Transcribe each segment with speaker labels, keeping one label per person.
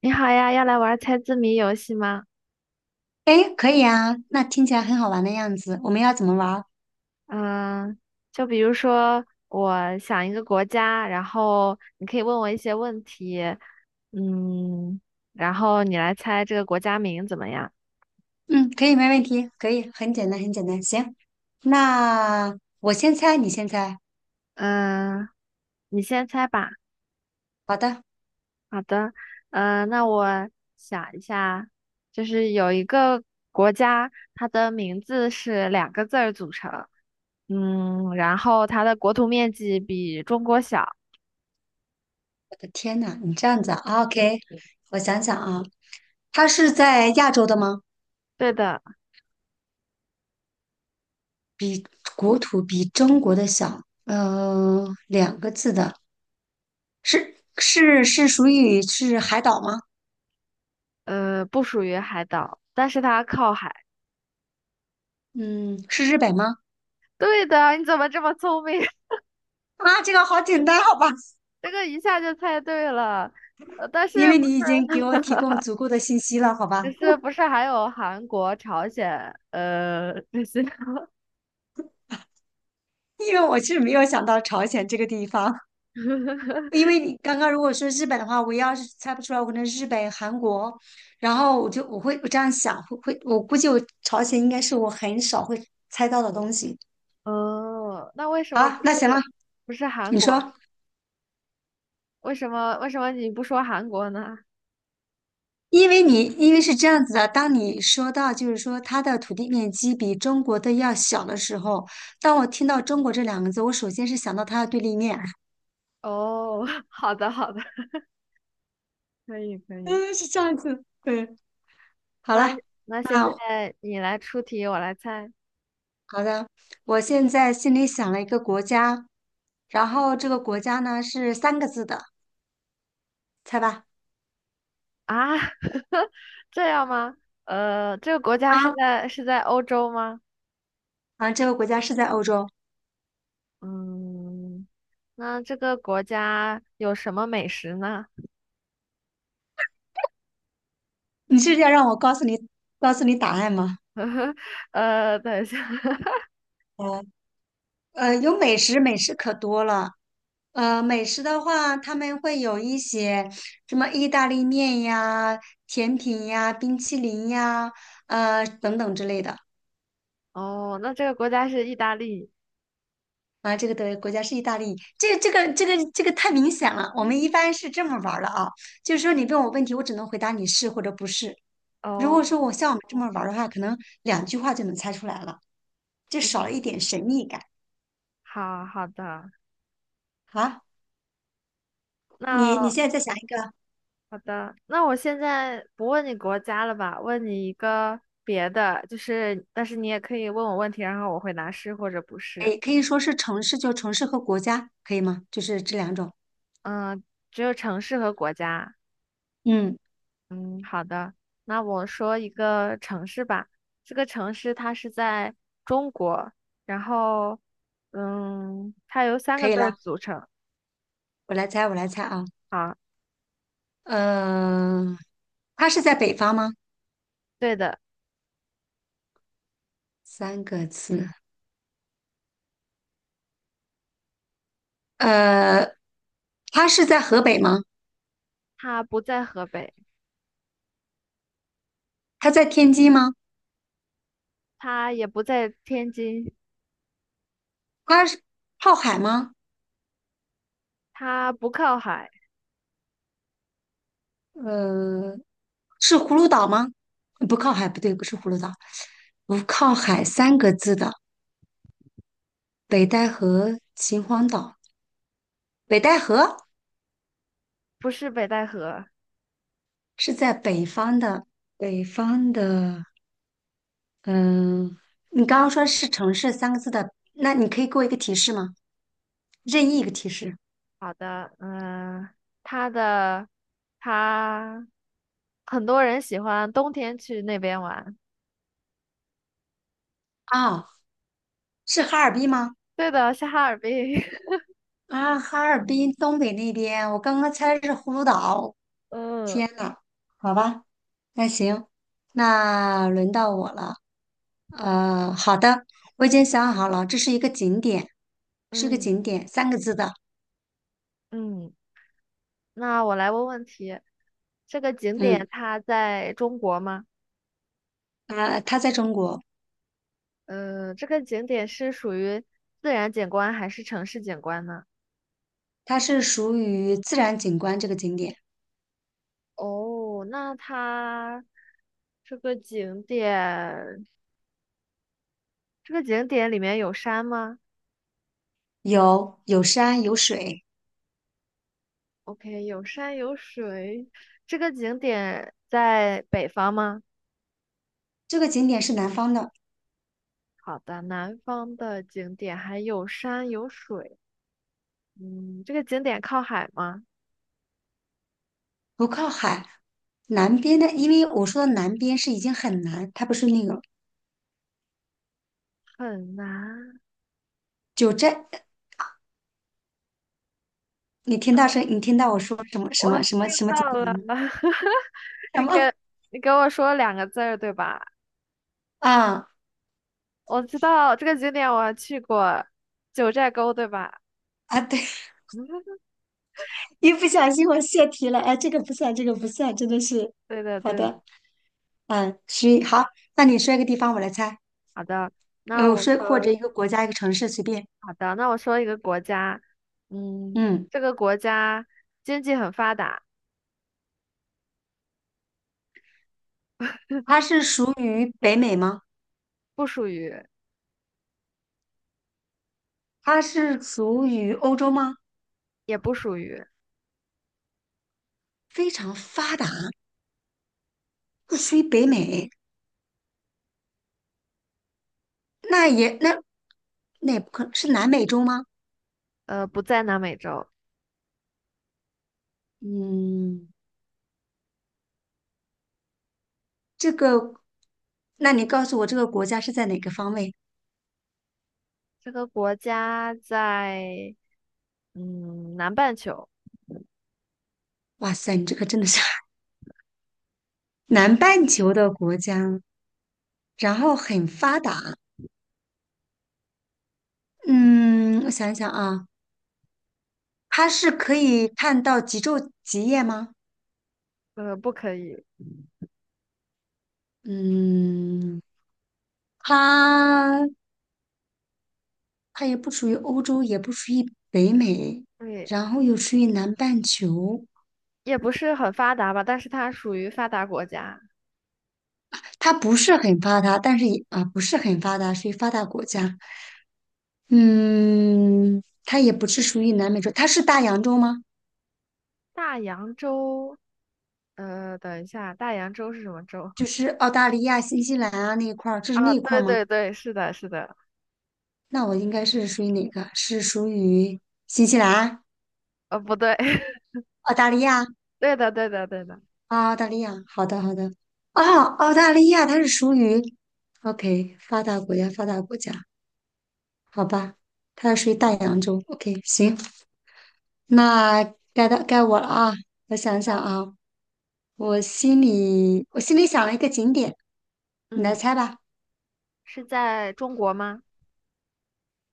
Speaker 1: 你好呀，要来玩猜字谜游戏吗？
Speaker 2: 哎，可以啊，那听起来很好玩的样子。我们要怎么玩儿？
Speaker 1: 嗯，就比如说我想一个国家，然后你可以问我一些问题，嗯，然后你来猜这个国家名怎么样？
Speaker 2: 嗯，可以，没问题，可以，很简单，很简单。行，那我先猜，你先猜。
Speaker 1: 嗯，你先猜吧。
Speaker 2: 好的，
Speaker 1: 好的，那我想一下，就是有一个国家，它的名字是两个字儿组成，然后它的国土面积比中国小。
Speaker 2: 我的天呐，你这样子啊？OK，我想想啊，它是在亚洲的吗？
Speaker 1: 对的。
Speaker 2: 国土比中国的小，两个字的，是属于是海岛吗？
Speaker 1: 不属于海岛，但是它靠海。
Speaker 2: 嗯，是日本吗？
Speaker 1: 对的，你怎么这么聪明？
Speaker 2: 啊，这个好简单，好吧，
Speaker 1: 这个一下就猜对了。但
Speaker 2: 因
Speaker 1: 是
Speaker 2: 为
Speaker 1: 不
Speaker 2: 你
Speaker 1: 是，
Speaker 2: 已经给我提供足够的信息了，好 吧。
Speaker 1: 只是不是还有韩国、朝鲜，这些？
Speaker 2: 因为我是没有想到朝鲜这个地方，因为你刚刚如果说日本的话，我要是猜不出来，我可能日本、韩国，然后我这样想，会，我估计我朝鲜应该是我很少会猜到的东西。
Speaker 1: 哦，那为什么
Speaker 2: 好，那行了，
Speaker 1: 不是韩
Speaker 2: 你
Speaker 1: 国？
Speaker 2: 说，
Speaker 1: 为什么你不说韩国呢？
Speaker 2: 因为你因为是这样子的，当你说到就是说它的土地面积比中国的要小的时候，当我听到中国这两个字，我首先是想到它的对立面，
Speaker 1: 哦，好的好的，可以可 以。
Speaker 2: 嗯，是这样子，对，好
Speaker 1: 那
Speaker 2: 了，
Speaker 1: 那现
Speaker 2: 那
Speaker 1: 在你来出题，我来猜
Speaker 2: 好的，我现在心里想了一个国家，然后这个国家呢是三个字的，猜吧。
Speaker 1: 啊？这样吗？呃，这个国家
Speaker 2: 啊，
Speaker 1: 是在欧洲吗？
Speaker 2: 啊，这个国家是在欧洲。
Speaker 1: 嗯，那这个国家有什么美食呢？
Speaker 2: 你是要让我告诉你，告诉你答案吗？
Speaker 1: 呃，等一下，
Speaker 2: 嗯有美食，美食可多了。呃，美食的话，他们会有一些什么意大利面呀、甜品呀、冰淇淋呀，呃等等之类的。
Speaker 1: 哦，那这个国家是意大利。
Speaker 2: 啊，这个的国家是意大利，这个太明显了。我们一
Speaker 1: 嗯
Speaker 2: 般是这么玩儿的啊，就是说你问我问题，我只能回答你是或者不是。如果
Speaker 1: 哦，
Speaker 2: 说我像我们这么玩儿的话，可能两句话就能猜出来了，就少
Speaker 1: 嗯，
Speaker 2: 了一点神秘感
Speaker 1: 好好的，
Speaker 2: 啊。你
Speaker 1: 那
Speaker 2: 现在再想一个，
Speaker 1: 好的，那我现在不问你国家了吧，问你一个别的，就是，但是你也可以问我问题，然后我回答是或者不是。
Speaker 2: 哎，可以说是城市，就城市和国家，可以吗？就是这两种。
Speaker 1: 嗯，只有城市和国家。
Speaker 2: 嗯，
Speaker 1: 嗯，好的，那我说一个城市吧。这个城市它是在中国，然后，嗯，它由三
Speaker 2: 可
Speaker 1: 个
Speaker 2: 以
Speaker 1: 字儿
Speaker 2: 了，
Speaker 1: 组成
Speaker 2: 我来猜，我来猜啊。
Speaker 1: 啊。
Speaker 2: 呃，它是在北方吗？
Speaker 1: 对的，
Speaker 2: 三个字。呃，它是在河北吗？
Speaker 1: 它不在河北，
Speaker 2: 它在天津吗？
Speaker 1: 它也不在天津，
Speaker 2: 它是靠海吗？
Speaker 1: 它不靠海，
Speaker 2: 呃，是葫芦岛吗？不靠海，不对，不是葫芦岛，不靠海三个字的北戴河秦皇岛，北戴河
Speaker 1: 不是北戴河。
Speaker 2: 是在北方的，北方的，嗯、你刚刚说是城市三个字的，那你可以给我一个提示吗？任意一个提示
Speaker 1: 好的，它的它很多人喜欢冬天去那边玩。
Speaker 2: 啊，是哈尔滨吗？
Speaker 1: 对的，是哈尔滨。
Speaker 2: 啊，哈尔滨东北那边，我刚刚猜是葫芦岛，
Speaker 1: 嗯
Speaker 2: 天呐，好吧，那行，那轮到我了。呃，好的，我已经想好了，这是一个景点，是个
Speaker 1: 嗯
Speaker 2: 景点，三个字的。
Speaker 1: 嗯。那我来问问题，这个景点
Speaker 2: 嗯，
Speaker 1: 它在中国吗？
Speaker 2: 呃，它在中国，
Speaker 1: 呃，这个景点是属于自然景观还是城市景观呢？
Speaker 2: 它是属于自然景观这个景点，
Speaker 1: 哦，这个景点，这个景点里面有山吗
Speaker 2: 有山有水。
Speaker 1: ？OK，有山有水。这个景点在北方吗？
Speaker 2: 这个景点是南方的，
Speaker 1: 好的，南方的景点还有山有水。嗯，这个景点靠海吗？
Speaker 2: 不靠海。南边的，因为我说的南边是已经很南，它不是那个
Speaker 1: 很难。
Speaker 2: 九寨。你听到声，你听到我说什么什
Speaker 1: 我
Speaker 2: 么什么什
Speaker 1: 听
Speaker 2: 么景
Speaker 1: 到
Speaker 2: 点了
Speaker 1: 了，
Speaker 2: 吗？什
Speaker 1: 你给
Speaker 2: 么
Speaker 1: 你给我说两个字儿对吧？
Speaker 2: 啊
Speaker 1: 我知道这个景点我还去过，九寨沟对吧？
Speaker 2: 啊？对。一不小心我泄题了，哎，这个不算，这个不算，真的是
Speaker 1: 对对
Speaker 2: 好
Speaker 1: 对的，
Speaker 2: 的，嗯，需好，那你说一个地方，我来猜，
Speaker 1: 好的，那
Speaker 2: 呃，
Speaker 1: 我
Speaker 2: 说或者
Speaker 1: 说
Speaker 2: 一个国家，一个城市，随便，
Speaker 1: 好的，那我说一个国家，嗯，
Speaker 2: 嗯，
Speaker 1: 这个国家经济很发达，
Speaker 2: 它是属于北美吗？
Speaker 1: 不属于
Speaker 2: 它是属于欧洲吗？
Speaker 1: 也不属于，
Speaker 2: 非常发达，不属于北美，那也那那也不可能是南美洲吗？
Speaker 1: 呃，不在南美洲，
Speaker 2: 嗯，这个，那你告诉我这个国家是在哪个方位？
Speaker 1: 这个国家在嗯南半球，
Speaker 2: 哇塞，你这个真的是 南半球的国家，然后很发达。嗯，我想一想啊，它是可以看到极昼极夜吗？
Speaker 1: 呃，不可以，
Speaker 2: 嗯，它它也不属于欧洲，也不属于北美，
Speaker 1: 对。
Speaker 2: 然后又属于南半球。
Speaker 1: 也不是很发达吧，但是它属于发达国家。
Speaker 2: 它不是很发达，但是也啊不是很发达，属于发达国家。嗯，它也不是属于南美洲，它是大洋洲吗？
Speaker 1: 大洋洲，呃，等一下，大洋洲是什么洲
Speaker 2: 就 是澳大利亚、新西兰啊那一块儿，这是那
Speaker 1: 啊？
Speaker 2: 一块儿
Speaker 1: 对
Speaker 2: 吗？
Speaker 1: 对对，是的，是的，
Speaker 2: 那我应该是属于哪个？是属于新西兰、
Speaker 1: 呃，不对，
Speaker 2: 澳大利亚？
Speaker 1: 对的，对的，对的，
Speaker 2: 啊，澳大利亚，好的好的，啊，澳大利亚它是属于，OK，发达国家，发达国家，好吧，它
Speaker 1: 嗯
Speaker 2: 属于大洋洲，OK，行，那该到该我了啊，我想想啊，我心里想了一个景点，你来
Speaker 1: 嗯，
Speaker 2: 猜吧，
Speaker 1: 是在中国吗？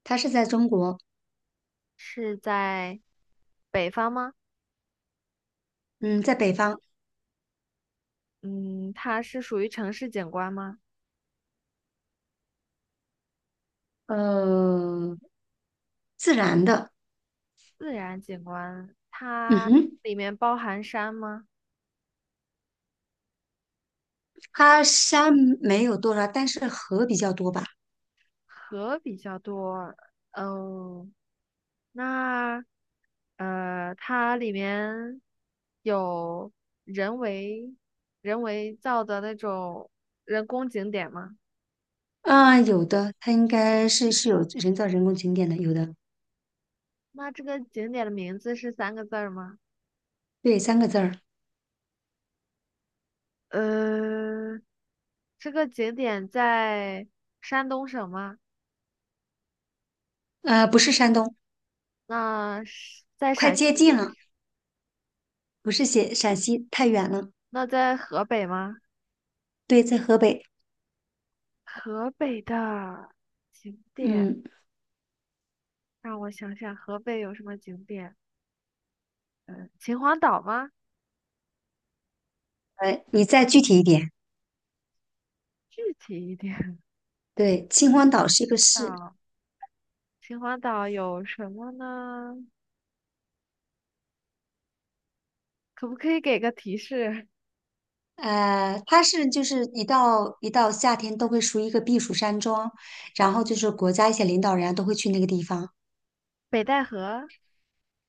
Speaker 2: 它是在中国，
Speaker 1: 是在北方吗？
Speaker 2: 嗯，在北方，
Speaker 1: 嗯，它是属于城市景观吗？
Speaker 2: 呃，自然的，
Speaker 1: 自然景观，
Speaker 2: 嗯
Speaker 1: 它
Speaker 2: 哼，
Speaker 1: 里面包含山吗？
Speaker 2: 它山没有多少，但是河比较多吧，
Speaker 1: 河比较多，嗯、那它里面有人为人为造的那种人工景点吗？
Speaker 2: 嗯、有的，它应该是有人造人工景点的，有的。
Speaker 1: 那这个景点的名字是三个字儿吗？
Speaker 2: 对，三个字儿，
Speaker 1: 呃，这个景点在山东省吗？
Speaker 2: 呃，不是山东，
Speaker 1: 那是在
Speaker 2: 快
Speaker 1: 陕
Speaker 2: 接
Speaker 1: 西？
Speaker 2: 近了，不是写陕西，太远了。
Speaker 1: 那在河北吗？
Speaker 2: 对，在河北。
Speaker 1: 河北的景点，
Speaker 2: 嗯，
Speaker 1: 让我想想，河北有什么景点？嗯，秦皇岛吗？
Speaker 2: 呃，你再具体一点。
Speaker 1: 具体一点。
Speaker 2: 对，秦皇岛是一个 市，
Speaker 1: 岛。秦皇岛有什么呢？可不可以给个提示？
Speaker 2: 它是就是一到夏天都会属于一个避暑山庄，然后就是国家一些领导人啊都会去那个地方。
Speaker 1: 北戴河。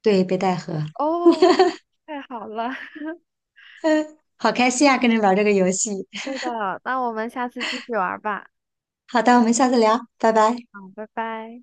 Speaker 2: 对，北戴河。
Speaker 1: 哦，太好了，
Speaker 2: 嗯，好开心啊，跟你玩这个游戏。
Speaker 1: 对的，那我们下次继续玩吧。
Speaker 2: 好的，我们下次聊，拜拜。
Speaker 1: 好，拜拜。